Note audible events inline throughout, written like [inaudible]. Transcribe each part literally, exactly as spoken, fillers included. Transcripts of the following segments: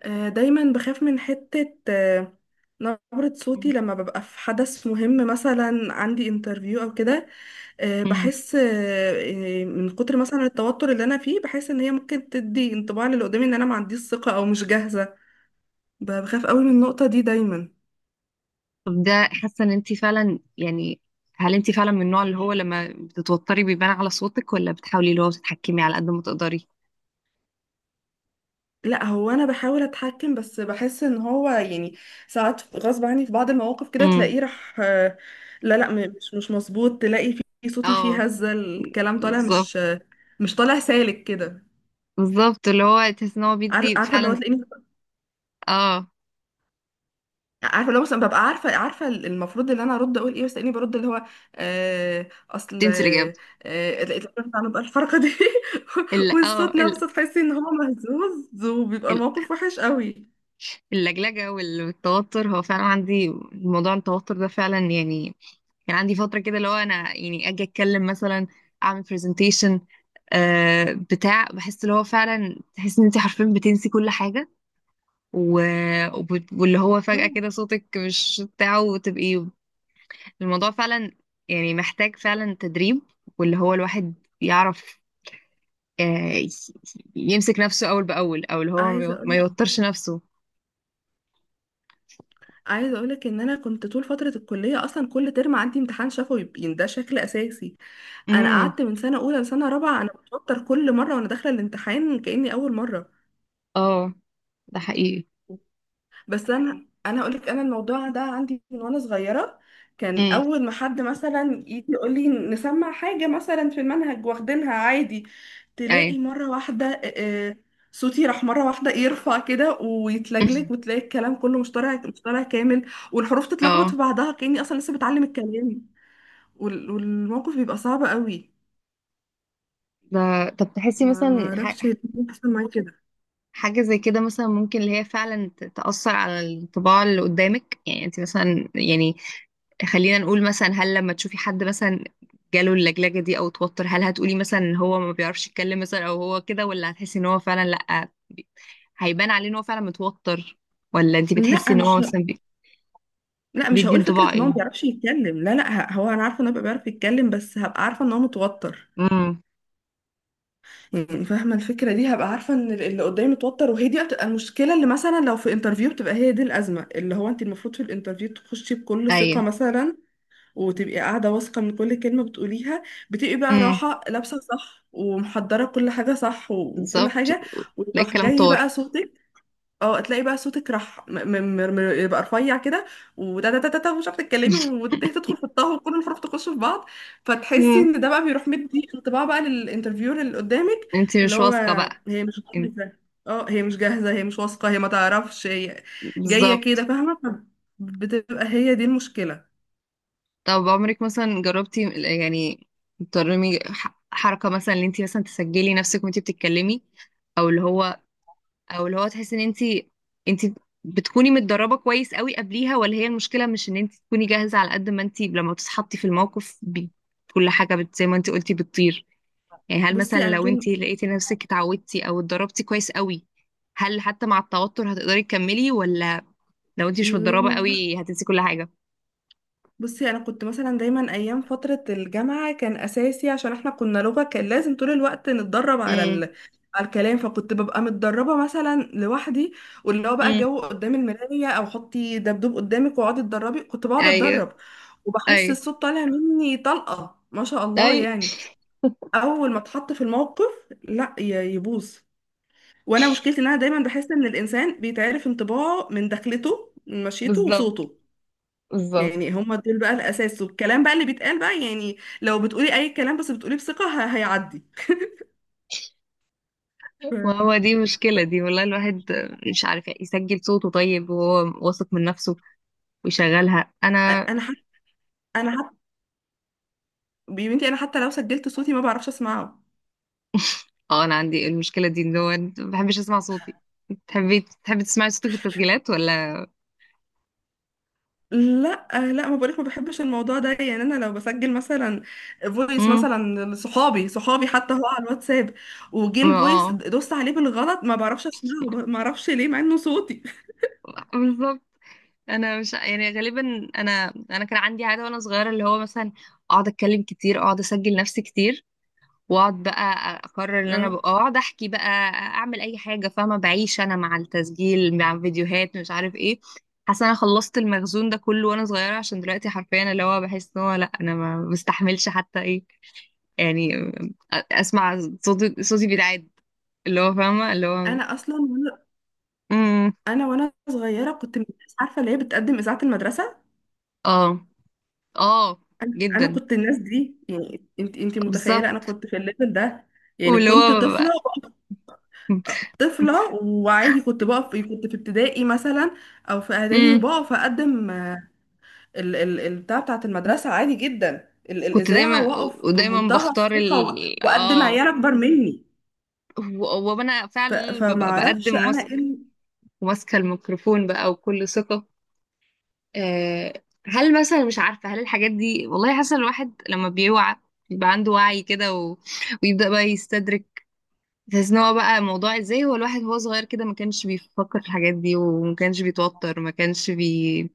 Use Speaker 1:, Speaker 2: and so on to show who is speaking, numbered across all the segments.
Speaker 1: آه، دايما بخاف من حتة آه، نبرة صوتي لما ببقى في حدث مهم مثلا عندي انترفيو او كده. آه،
Speaker 2: مم.
Speaker 1: بحس آه، آه، من كتر مثلا التوتر اللي انا فيه بحس ان هي ممكن تدي انطباع للي قدامي ان انا ما عنديش ثقة او مش جاهزة. ب- بخاف قوي من النقطة دي دايما.
Speaker 2: طب ده حاسه ان انت فعلا يعني، هل انت فعلا من النوع اللي هو لما بتتوتري بيبان على صوتك، ولا بتحاولي اللي هو تتحكمي على قد ما تقدري؟
Speaker 1: لا، هو انا بحاول اتحكم بس بحس ان هو يعني ساعات غصب عني في بعض المواقف كده
Speaker 2: امم،
Speaker 1: تلاقيه راح آه، لا، لا، م- مش مش مظبوط، تلاقي في صوتي
Speaker 2: اه،
Speaker 1: فيه هزة، الكلام طالع
Speaker 2: بالظبط.
Speaker 1: مش آه، مش طالع سالك كده.
Speaker 2: بالظبط، اللي هو تحس ان هو
Speaker 1: عار-
Speaker 2: بيدي
Speaker 1: عارفه اللي هو
Speaker 2: فعلا.
Speaker 1: تلاقيني
Speaker 2: اه،
Speaker 1: عارفه اللي هو مثلا ببقى عارفه عارفه المفروض اللي انا ارد اقول ايه بس تلاقيني برد اللي هو آه، اصل
Speaker 2: تنسي الاجابه.
Speaker 1: آه، آه، لقيت الراجل عمل بقى الحركه دي [laughs]
Speaker 2: ال اه
Speaker 1: والصوت
Speaker 2: ال
Speaker 1: نفسه تحسي ان هو مهزوز وبيبقى
Speaker 2: ال-
Speaker 1: الموقف وحش قوي.
Speaker 2: اللجلجه والتوتر، هو فعلا عندي موضوع التوتر ده فعلا يعني. كان عندي فتره كده اللي هو انا يعني اجي اتكلم مثلا، اعمل برزنتيشن. آه بتاع، بحس اللي هو فعلا تحس ان انت حرفيا بتنسي كل حاجه. و... وبت- واللي هو فجأة
Speaker 1: مم.
Speaker 2: كده صوتك مش بتاعه وتبقي. الموضوع فعلا يعني محتاج فعلا تدريب، واللي هو الواحد يعرف آه، ي- يمسك نفسه أول بأول، أو اللي هو ما
Speaker 1: عايزه
Speaker 2: يو- ما
Speaker 1: اقول،
Speaker 2: يوترش نفسه.
Speaker 1: عايزه اقولك ان انا كنت طول فتره الكليه اصلا كل ترم عندي امتحان شفوي يبقى ده شكل اساسي. انا
Speaker 2: امم،
Speaker 1: قعدت من سنه اولى لسنه رابعه انا بتوتر كل مره وانا داخله الامتحان كاني اول مره.
Speaker 2: اه، ده حقيقي.
Speaker 1: بس انا انا اقول لك انا الموضوع ده عندي من وانا صغيره. كان
Speaker 2: امم،
Speaker 1: اول ما حد مثلا يجي يقول لي نسمع حاجه مثلا في المنهج واخدينها عادي،
Speaker 2: ايوه.
Speaker 1: تلاقي مره واحده آه، آه، صوتي راح مره واحده يرفع كده ويتلجلج
Speaker 2: [laughs]
Speaker 1: وتلاقي الكلام كله مش طالع مش طالع كامل، والحروف تتلخبط
Speaker 2: اه.
Speaker 1: في بعضها كاني اصلا لسه بتعلم الكلام. وال- والموقف بيبقى صعب قوي.
Speaker 2: ده طب تحسي
Speaker 1: ما ما
Speaker 2: مثلا
Speaker 1: اعرفش
Speaker 2: ح-
Speaker 1: ليه بيحصل معايا كده.
Speaker 2: حاجة زي كده مثلا ممكن اللي هي فعلا ت- تأثر على الطباع اللي قدامك؟ يعني انت مثلا يعني، خلينا نقول مثلا، هل لما تشوفي حد مثلا جاله اللجلجة دي او توتر، هل هتقولي مثلا ان هو ما بيعرفش يتكلم مثلا او هو كده، ولا هتحسي ان هو فعلا لا بي- هيبان عليه ان هو فعلا متوتر؟ ولا انت بتحسي
Speaker 1: لا
Speaker 2: ان
Speaker 1: مش
Speaker 2: هو مثلا بي-؟
Speaker 1: لا، مش
Speaker 2: بيدي
Speaker 1: هقول
Speaker 2: انطباع
Speaker 1: فكرة ان هو
Speaker 2: ايه؟
Speaker 1: ما بيعرفش يتكلم. لا، لا، ه- هو انا عارفة ان هو بيبقى بيعرف يتكلم بس هبقى عارفة ان هو متوتر.
Speaker 2: امم،
Speaker 1: يعني فاهمة الفكرة دي، هبقى عارفة ان ال- اللي قدامي متوتر، وهي دي بتبقى المشكلة، اللي مثلا لو في انترفيو بتبقى هي دي الأزمة، اللي هو انت المفروض في الانترفيو تخشي بكل ثقة
Speaker 2: ايوه،
Speaker 1: مثلا، وتبقي قاعدة واثقة من كل كلمة بتقوليها، بتبقي بقى
Speaker 2: امم،
Speaker 1: راحة، لابسة صح، ومحضرة كل حاجة صح و- وكل
Speaker 2: بالظبط.
Speaker 1: حاجة،
Speaker 2: لا
Speaker 1: ويروح
Speaker 2: الكلام
Speaker 1: جاي بقى
Speaker 2: طار.
Speaker 1: صوتك. اه تلاقي بقى صوتك راح م- م- م- م- يبقى رفيع كده. وده ده ده ده ده ومش عارفه تتكلمي، وتدخل تدخل في الطه وكل الفروق تخش في بعض، فتحسي
Speaker 2: امم،
Speaker 1: ان ده بقى بيروح مدي انطباع بقى للانترفيور اللي قدامك.
Speaker 2: انت
Speaker 1: اللي
Speaker 2: مش
Speaker 1: هو
Speaker 2: واثقة بقى.
Speaker 1: هي مش
Speaker 2: انت-.
Speaker 1: جاهزه. اه، هي مش جاهزه، هي مش واثقه، هي ما تعرفش، هي جايه كده،
Speaker 2: بالظبط.
Speaker 1: فاهمه. بتبقى هي دي المشكله.
Speaker 2: طب عمرك مثلا جربتي يعني ترمي ح- حركة مثلا ان انت مثلا تسجلي نفسك وانت بتتكلمي؟ او اللي هو، او اللي هو تحس ان انت انت بتكوني متدربة كويس قوي قبليها، ولا هي المشكلة مش ان انت تكوني جاهزة، على قد ما انت لما بتتحطي في الموقف بي-، كل حاجة بت، زي ما انت قلتي، بتطير؟ يعني هل
Speaker 1: بصي
Speaker 2: مثلا
Speaker 1: انا
Speaker 2: لو انت لقيتي نفسك اتعودتي او اتدربتي كويس قوي، هل حتى مع التوتر هتقدري تكملي، ولا لو انت مش متدربة
Speaker 1: طول
Speaker 2: قوي هتنسي كل حاجة؟
Speaker 1: بصي، انا كنت مثلا دايما ايام فتره الجامعه كان اساسي عشان احنا كنا لغه كان لازم طول الوقت نتدرب على
Speaker 2: امم،
Speaker 1: ال... على الكلام، فكنت ببقى متدربه مثلا لوحدي، واللي هو بقى
Speaker 2: امم،
Speaker 1: جو قدام المرايه او حطي دبدوب قدامك واقعدي اتدربي. كنت بقعد
Speaker 2: ايوه،
Speaker 1: اتدرب وبحس
Speaker 2: ايوه،
Speaker 1: الصوت طالع مني طلقه، ما شاء الله
Speaker 2: اي،
Speaker 1: يعني. اول ما اتحط في الموقف، لا ي- يبوظ. وانا مشكلتي ان انا دايما بحس ان الانسان بيتعرف انطباعه من دخلته، من مشيته،
Speaker 2: بالظبط،
Speaker 1: وصوته.
Speaker 2: بالظبط.
Speaker 1: يعني هم دول بقى الأساس، والكلام بقى اللي بيتقال بقى، يعني لو بتقولي أي كلام بس بتقوليه بثقة ه- هيعدي. ف-
Speaker 2: وهو دي مشكلة،
Speaker 1: ف-
Speaker 2: دي والله الواحد مش عارف يسجل صوته طيب وهو واثق من نفسه ويشغلها. انا
Speaker 1: أنا حتى أنا حتى بنتي، أنا حتى لو سجلت صوتي ما بعرفش أسمعه.
Speaker 2: اه، انا عندي المشكله دي ان هو ما بحبش اسمع صوتي. تحبي، تحبي تسمعي صوتك في التسجيلات ولا؟
Speaker 1: لا، لا، ما بقولك ما بحبش الموضوع ده يعني. انا لو بسجل مثلا فويس
Speaker 2: امم،
Speaker 1: مثلا لصحابي، صحابي حتى، هو على الواتساب وجه الفويس
Speaker 2: اه،
Speaker 1: دوست عليه بالغلط ما بعرفش اسمعه. ما اعرفش ليه مع انه صوتي.
Speaker 2: بالظبط. انا مش يعني غالبا، انا انا كان عندي عاده وانا صغيره اللي هو مثلا اقعد اتكلم كتير، اقعد اسجل نفسي كتير، واقعد بقى اقرر ان انا
Speaker 1: اه،
Speaker 2: بقى اقعد احكي بقى، اعمل اي حاجه، فاهمه؟ بعيش انا مع التسجيل، مع فيديوهات، مش عارف ايه. حاسه انا خلصت المخزون ده كله وانا صغيره، عشان دلوقتي حرفيا اللي هو بحس ان هو لا، انا ما بستحملش حتى ايه يعني، اسمع صوتي. صوتي بيتعاد، اللي هو فاهمه اللي هو.
Speaker 1: انا اصلا وانا-
Speaker 2: امم،
Speaker 1: انا وانا صغيره كنت من الناس عارفه اللي هي بتقدم اذاعه المدرسه.
Speaker 2: اه، اه،
Speaker 1: انا أنا
Speaker 2: جدا،
Speaker 1: كنت الناس دي، يعني انت انت متخيله انا
Speaker 2: بالظبط.
Speaker 1: كنت في الليفل ده، يعني
Speaker 2: واللي
Speaker 1: كنت
Speaker 2: هو،
Speaker 1: طفله. طفله وعادي كنت بقف، كنت في ابتدائي مثلا او في اعدادي
Speaker 2: امم،
Speaker 1: وبقف اقدم ال ال البتاع بتاعت المدرسه عادي جدا، ال
Speaker 2: كنت
Speaker 1: الاذاعه،
Speaker 2: دايما،
Speaker 1: واقف
Speaker 2: ودايما
Speaker 1: بمنتهى
Speaker 2: بختار
Speaker 1: الثقه و-
Speaker 2: ال
Speaker 1: واقدم
Speaker 2: اه.
Speaker 1: عيال اكبر مني.
Speaker 2: و- وانا
Speaker 1: ف
Speaker 2: فعلا
Speaker 1: فما
Speaker 2: ببقى
Speaker 1: اعرفش
Speaker 2: بقدم
Speaker 1: انا
Speaker 2: وماسك-،
Speaker 1: ايه.
Speaker 2: وماسكه الميكروفون بقى وكل ثقه. آه، هل مثلا، مش عارفه هل الحاجات دي، والله حاسه الواحد لما بيوعى بيبقى عنده وعي كده و... ويبدأ بقى يستدرك، تحس ان هو بقى موضوع ازاي هو الواحد وهو صغير كده ما كانش بيفكر في الحاجات دي، وما كانش بيتوتر، ما كانش بي،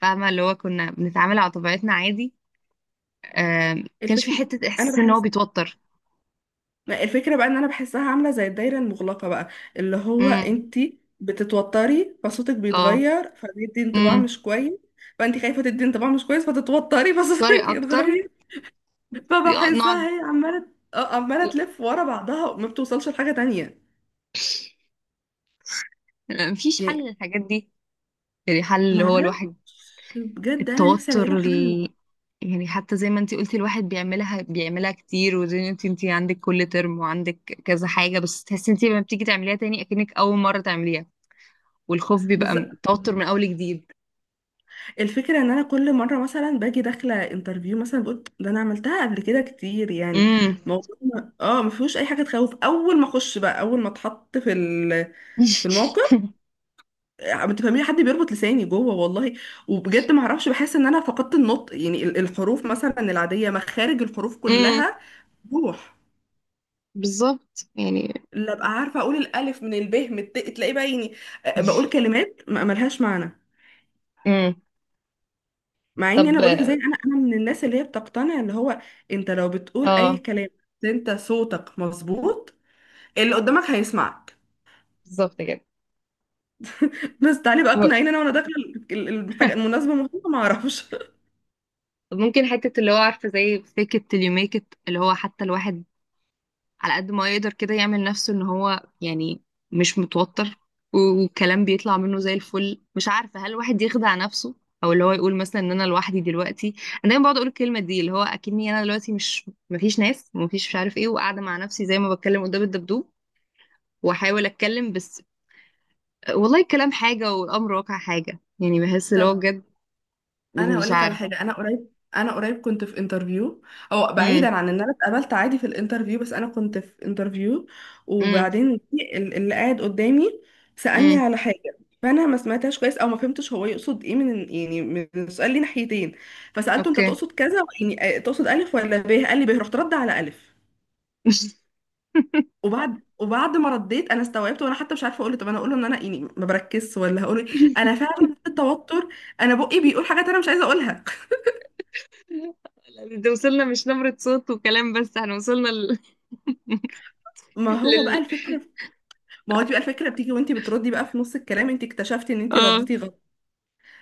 Speaker 2: فاهمه؟ اللي هو كنا بنتعامل على طبيعتنا عادي، آه ما كانش في
Speaker 1: الفكره
Speaker 2: حته
Speaker 1: انا
Speaker 2: احساس ان هو
Speaker 1: بحس،
Speaker 2: بيتوتر.
Speaker 1: ما الفكرة بقى ان انا بحسها عاملة زي الدايرة المغلقة بقى، اللي هو
Speaker 2: امم،
Speaker 1: انتي بتتوتري فصوتك
Speaker 2: اه،
Speaker 1: بيتغير فبيدي انطباع
Speaker 2: امم.
Speaker 1: مش كويس، فانتي خايفة تدي انطباع مش كويس فتتوتري [laughs]
Speaker 2: طري
Speaker 1: فصوتك
Speaker 2: اكتر.
Speaker 1: يتغير.
Speaker 2: يا-، نقعد.
Speaker 1: فبحسها هي عمالة، آه، عمالة تلف ورا بعضها وما بتوصلش لحاجة تانية
Speaker 2: لا، مفيش حل
Speaker 1: يعني.
Speaker 2: للحاجات دي. يعني حل اللي هو
Speaker 1: معرفش
Speaker 2: الواحد،
Speaker 1: بجد، انا نفسي الاقي
Speaker 2: التوتر
Speaker 1: له
Speaker 2: ال...،
Speaker 1: حل.
Speaker 2: يعني حتى زي ما انتي قلتي، الواحد بيعملها، بيعملها كتير، وزي ما انتي انتي عندك كل ترم، وعندك كذا حاجة، بس تحسي انتي لما بتيجي تعمليها تاني اكنك اول مرة تعمليها، والخوف بيبقى م- توتر من اول جديد.
Speaker 1: الفكرة ان انا كل مرة مثلا باجي داخلة انترفيو مثلا بقول ده انا عملتها قبل كده كتير يعني،
Speaker 2: امم.
Speaker 1: موضوع ما- اه ما فيهوش اي حاجة تخوف. اول ما اخش بقى، اول ما اتحط في ال، في الموقف،
Speaker 2: [laughs]
Speaker 1: ما تفهمي حد بيربط لساني جوه والله. وبجد ما اعرفش بحس ان انا فقدت النطق يعني ال- الحروف مثلا العادية، مخارج الحروف
Speaker 2: امم،
Speaker 1: كلها روح
Speaker 2: بالظبط يعني.
Speaker 1: لا ابقى عارفة اقول الالف من الب من الت، تلاقي بقى يعني، آه، بقول كلمات ما- ملهاش معنى.
Speaker 2: امم،
Speaker 1: مع اني انا
Speaker 2: طب،
Speaker 1: بقولك زي انا انا من الناس اللي هي بتقتنع اللي هو انت لو بتقول اي
Speaker 2: اه،
Speaker 1: كلام بس انت صوتك مظبوط، اللي قدامك هيسمعك.
Speaker 2: بالظبط كده.
Speaker 1: بس تعالي بقى
Speaker 2: هو-،
Speaker 1: اقنعيني انا وانا داخله ال- ال- الحاجه المناسبه مهمه، ما اعرفش.
Speaker 2: ممكن حتة اللي هو عارفة زي fake it till you make it، اللي هو حتى الواحد على قد ما يقدر كده يعمل نفسه ان هو يعني مش متوتر، و- والكلام بيطلع منه زي الفل. مش عارفة هل الواحد يخدع نفسه، او اللي هو يقول مثلا ان انا لوحدي دلوقتي. انا دايما بقعد اقول الكلمة دي اللي هو اكني انا دلوقتي مش، مفيش ناس ومفيش مش عارف ايه، وقاعدة مع نفسي زي ما بتكلم قدام الدبدوب، واحاول اتكلم بس. والله الكلام حاجة والامر واقع حاجة، يعني بحس
Speaker 1: [laughs]
Speaker 2: اللي هو
Speaker 1: طب
Speaker 2: بجد
Speaker 1: انا هقول
Speaker 2: مش
Speaker 1: لك على
Speaker 2: عارف.
Speaker 1: حاجه. انا قريب انا قريب كنت في انترفيو، او بعيدا
Speaker 2: امم،
Speaker 1: عن ان انا اتقابلت عادي في الانترفيو، بس انا كنت في انترفيو.
Speaker 2: امم،
Speaker 1: وبعدين في ال- اللي قاعد قدامي سالني
Speaker 2: امم،
Speaker 1: على حاجه، فانا ما سمعتهاش كويس او ما فهمتش هو يقصد ايه، من يعني من السؤال ليه ناحيتين. فسالته انت
Speaker 2: اوكي.
Speaker 1: تقصد كذا يعني، آه، تقصد الف ولا ب؟ قال لي ب. رحت رد على الف.
Speaker 2: [laughs]
Speaker 1: وبعد وبعد ما رديت انا استوعبت، وانا حتى مش عارفه اقول له، طب انا اقول له ان انا يعني ما بركزش، ولا هقول ايه؟ انا فعلا في التوتر انا بقي بيقول حاجات انا مش عايزه اقولها.
Speaker 2: لا، ده وصلنا مش نبرة صوت وكلام بس، احنا وصلنا
Speaker 1: ما هو بقى
Speaker 2: ل...، [laughs]
Speaker 1: الفكرة، ما هو دي بقى الفكرة، بتيجي وانت بتردي بقى في نص الكلام انت اكتشفتي ان انت
Speaker 2: اه.
Speaker 1: رديتي غلط،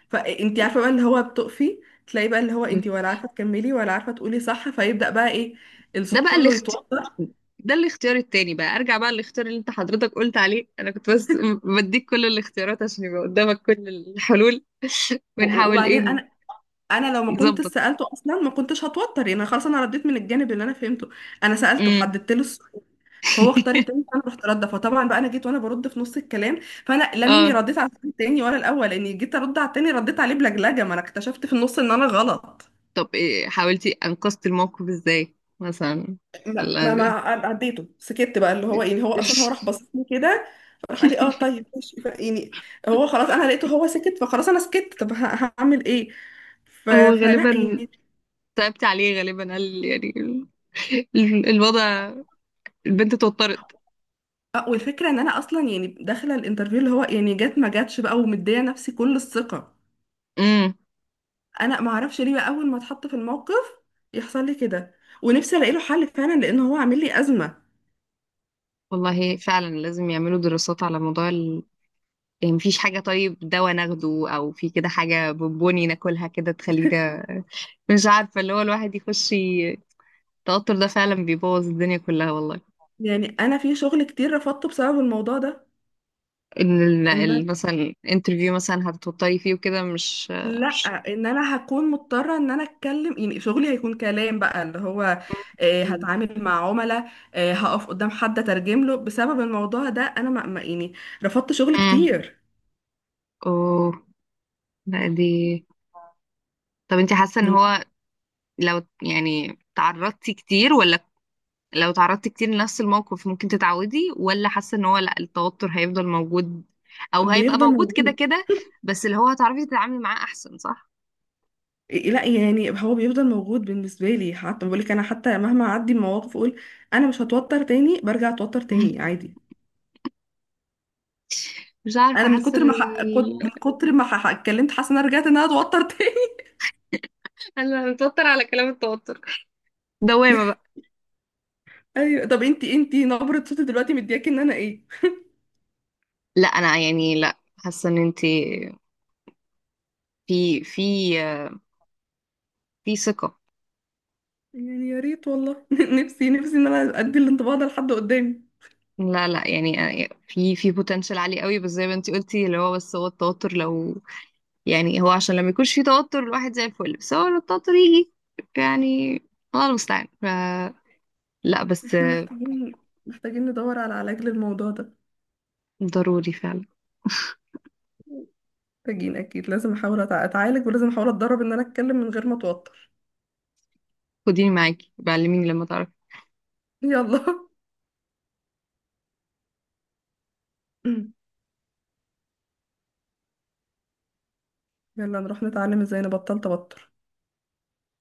Speaker 1: فانت عارفة بقى اللي هو بتقفي، تلاقي بقى اللي هو انت ولا عارفة تكملي ولا عارفة تقولي صح، فيبدأ بقى ايه،
Speaker 2: ده
Speaker 1: الصوت
Speaker 2: بقى
Speaker 1: كله
Speaker 2: الاخت...،
Speaker 1: يتوتر.
Speaker 2: ده الاختيار التاني، بقى ارجع بقى للاختيار اللي انت حضرتك قلت عليه، انا كنت بس م- بديك كل الاختيارات عشان يبقى قدامك كل الحلول [laughs]
Speaker 1: و-
Speaker 2: ونحاول
Speaker 1: وبعدين
Speaker 2: ايه.
Speaker 1: انا انا لو ما كنت
Speaker 2: نظبط.
Speaker 1: سألته اصلا ما كنتش هتوتر، يعني انا خلاص انا رديت من الجانب اللي انا فهمته، انا سألته
Speaker 2: امم.
Speaker 1: حددت له السؤال، فهو اختار التاني،
Speaker 2: [laughs]
Speaker 1: فانا رحت رد، فطبعا بقى انا جيت وانا برد في نص الكلام، فانا لا مني
Speaker 2: اه،
Speaker 1: رديت على التاني ولا الاول، لاني جيت ارد على التاني رديت عليه بلجلجة، ما انا اكتشفت في النص ان انا غلط.
Speaker 2: طب إيه، حاولتي انقذتي الموقف ازاي مثلا،
Speaker 1: ما ما, ما
Speaker 2: ولا [laughs]
Speaker 1: عديته، سكت بقى اللي هو يعني، هو اصلا هو راح بصني كده، فراح قال لي اه طيب ماشي ف- يعني. هو خلاص، انا لقيته هو سكت فخلاص انا سكت، طب ه- هعمل ايه؟ ف...
Speaker 2: هو
Speaker 1: فلا
Speaker 2: غالبا
Speaker 1: يعني.
Speaker 2: تعبت عليه غالبا، قال يعني ال-، ال- الوضع، البنت اتوترت.
Speaker 1: آه، والفكره ان انا اصلا يعني داخله الانترفيو اللي هو يعني، جت ما جاتش بقى ومديه نفسي كل الثقه،
Speaker 2: امم.
Speaker 1: انا ما اعرفش ليه بقى اول ما اتحط في الموقف يحصل لي كده. ونفسي الاقي له حل فعلا لان هو عامل لي ازمه.
Speaker 2: والله فعلا لازم يعملوا دراسات على موضوع، يعني مفيش حاجة طيب دواء ناخده أو في كده حاجة بونبوني ناكلها كده تخلينا؟ [laughs] مش عارفة اللي هو الواحد يخش ي-، التوتر ده فعلا بيبوظ الدنيا كلها والله.
Speaker 1: يعني انا في شغل كتير رفضته بسبب الموضوع ده.
Speaker 2: إن ال-، ال- مثلا انترفيو مثلا هتتوتري فيه وكده، مش
Speaker 1: لا،
Speaker 2: مش
Speaker 1: ان انا هكون مضطره ان انا اتكلم، يعني شغلي هيكون كلام بقى اللي هو آه، هتعامل مع عملاء، آه، هقف قدام حد اترجم له بسبب الموضوع ده انا ما ما- يعني رفضت شغل
Speaker 2: مم.
Speaker 1: كتير.
Speaker 2: اوه، لا دي، طب انت حاسة ان
Speaker 1: من
Speaker 2: هو لو يعني تعرضتي كتير ولا، لو تعرضتي كتير لنفس الموقف ممكن تتعودي، ولا حاسة ان هو لا التوتر هيفضل موجود، او هيبقى
Speaker 1: بيفضل
Speaker 2: موجود كده
Speaker 1: موجود،
Speaker 2: كده؟ بس اللي هو هتعرفي تتعاملي معاه احسن، صح؟
Speaker 1: لا يعني هو بيفضل موجود بالنسبه لي، حتى بقول لك انا حتى مهما اعدي المواقف اقول انا مش هتوتر تاني برجع اتوتر تاني
Speaker 2: [laughs]
Speaker 1: عادي.
Speaker 2: مش عارفة
Speaker 1: انا من
Speaker 2: حاسة ان
Speaker 1: كتر ما ح... كنت-
Speaker 2: ال-،
Speaker 1: من كتر ما ح... اتكلمت حاسه ان انا رجعت ان انا اتوتر تاني.
Speaker 2: انا متوتر على كلام التوتر، دوامة بقى.
Speaker 1: [laughs] ايوه. طب انتي انتي نبره صوتي دلوقتي مدياكي ان انا ايه؟
Speaker 2: لا انا يعني، لا حاسة ان انت في في في ثقة.
Speaker 1: يعني يا ريت والله [laughs] نفسي نفسي ان انا ادي الانطباع ده لحد قدامي.
Speaker 2: لا لا، يعني يعني في في بوتنشال عالي قوي، بس زي ما انت قلتي اللي هو بس هو التوتر لو، يعني هو عشان لما يكونش فيه توتر الواحد زي الفل، بس هو لو التوتر يجي يعني، الله المستعان ف-، لا بس.
Speaker 1: احنا محتاجين، محتاجين ندور على علاج للموضوع ده.
Speaker 2: ضروري فعلا.
Speaker 1: محتاجين اكيد، لازم احاول أتع- اتعالج، ولازم احاول اتدرب ان انا اتكلم من غير ما اتوتر.
Speaker 2: خديني معاكي، بعلميني لما تعرفي.
Speaker 1: يلا [laughs] يلا نروح نتعلم ازاي نبطل توتر.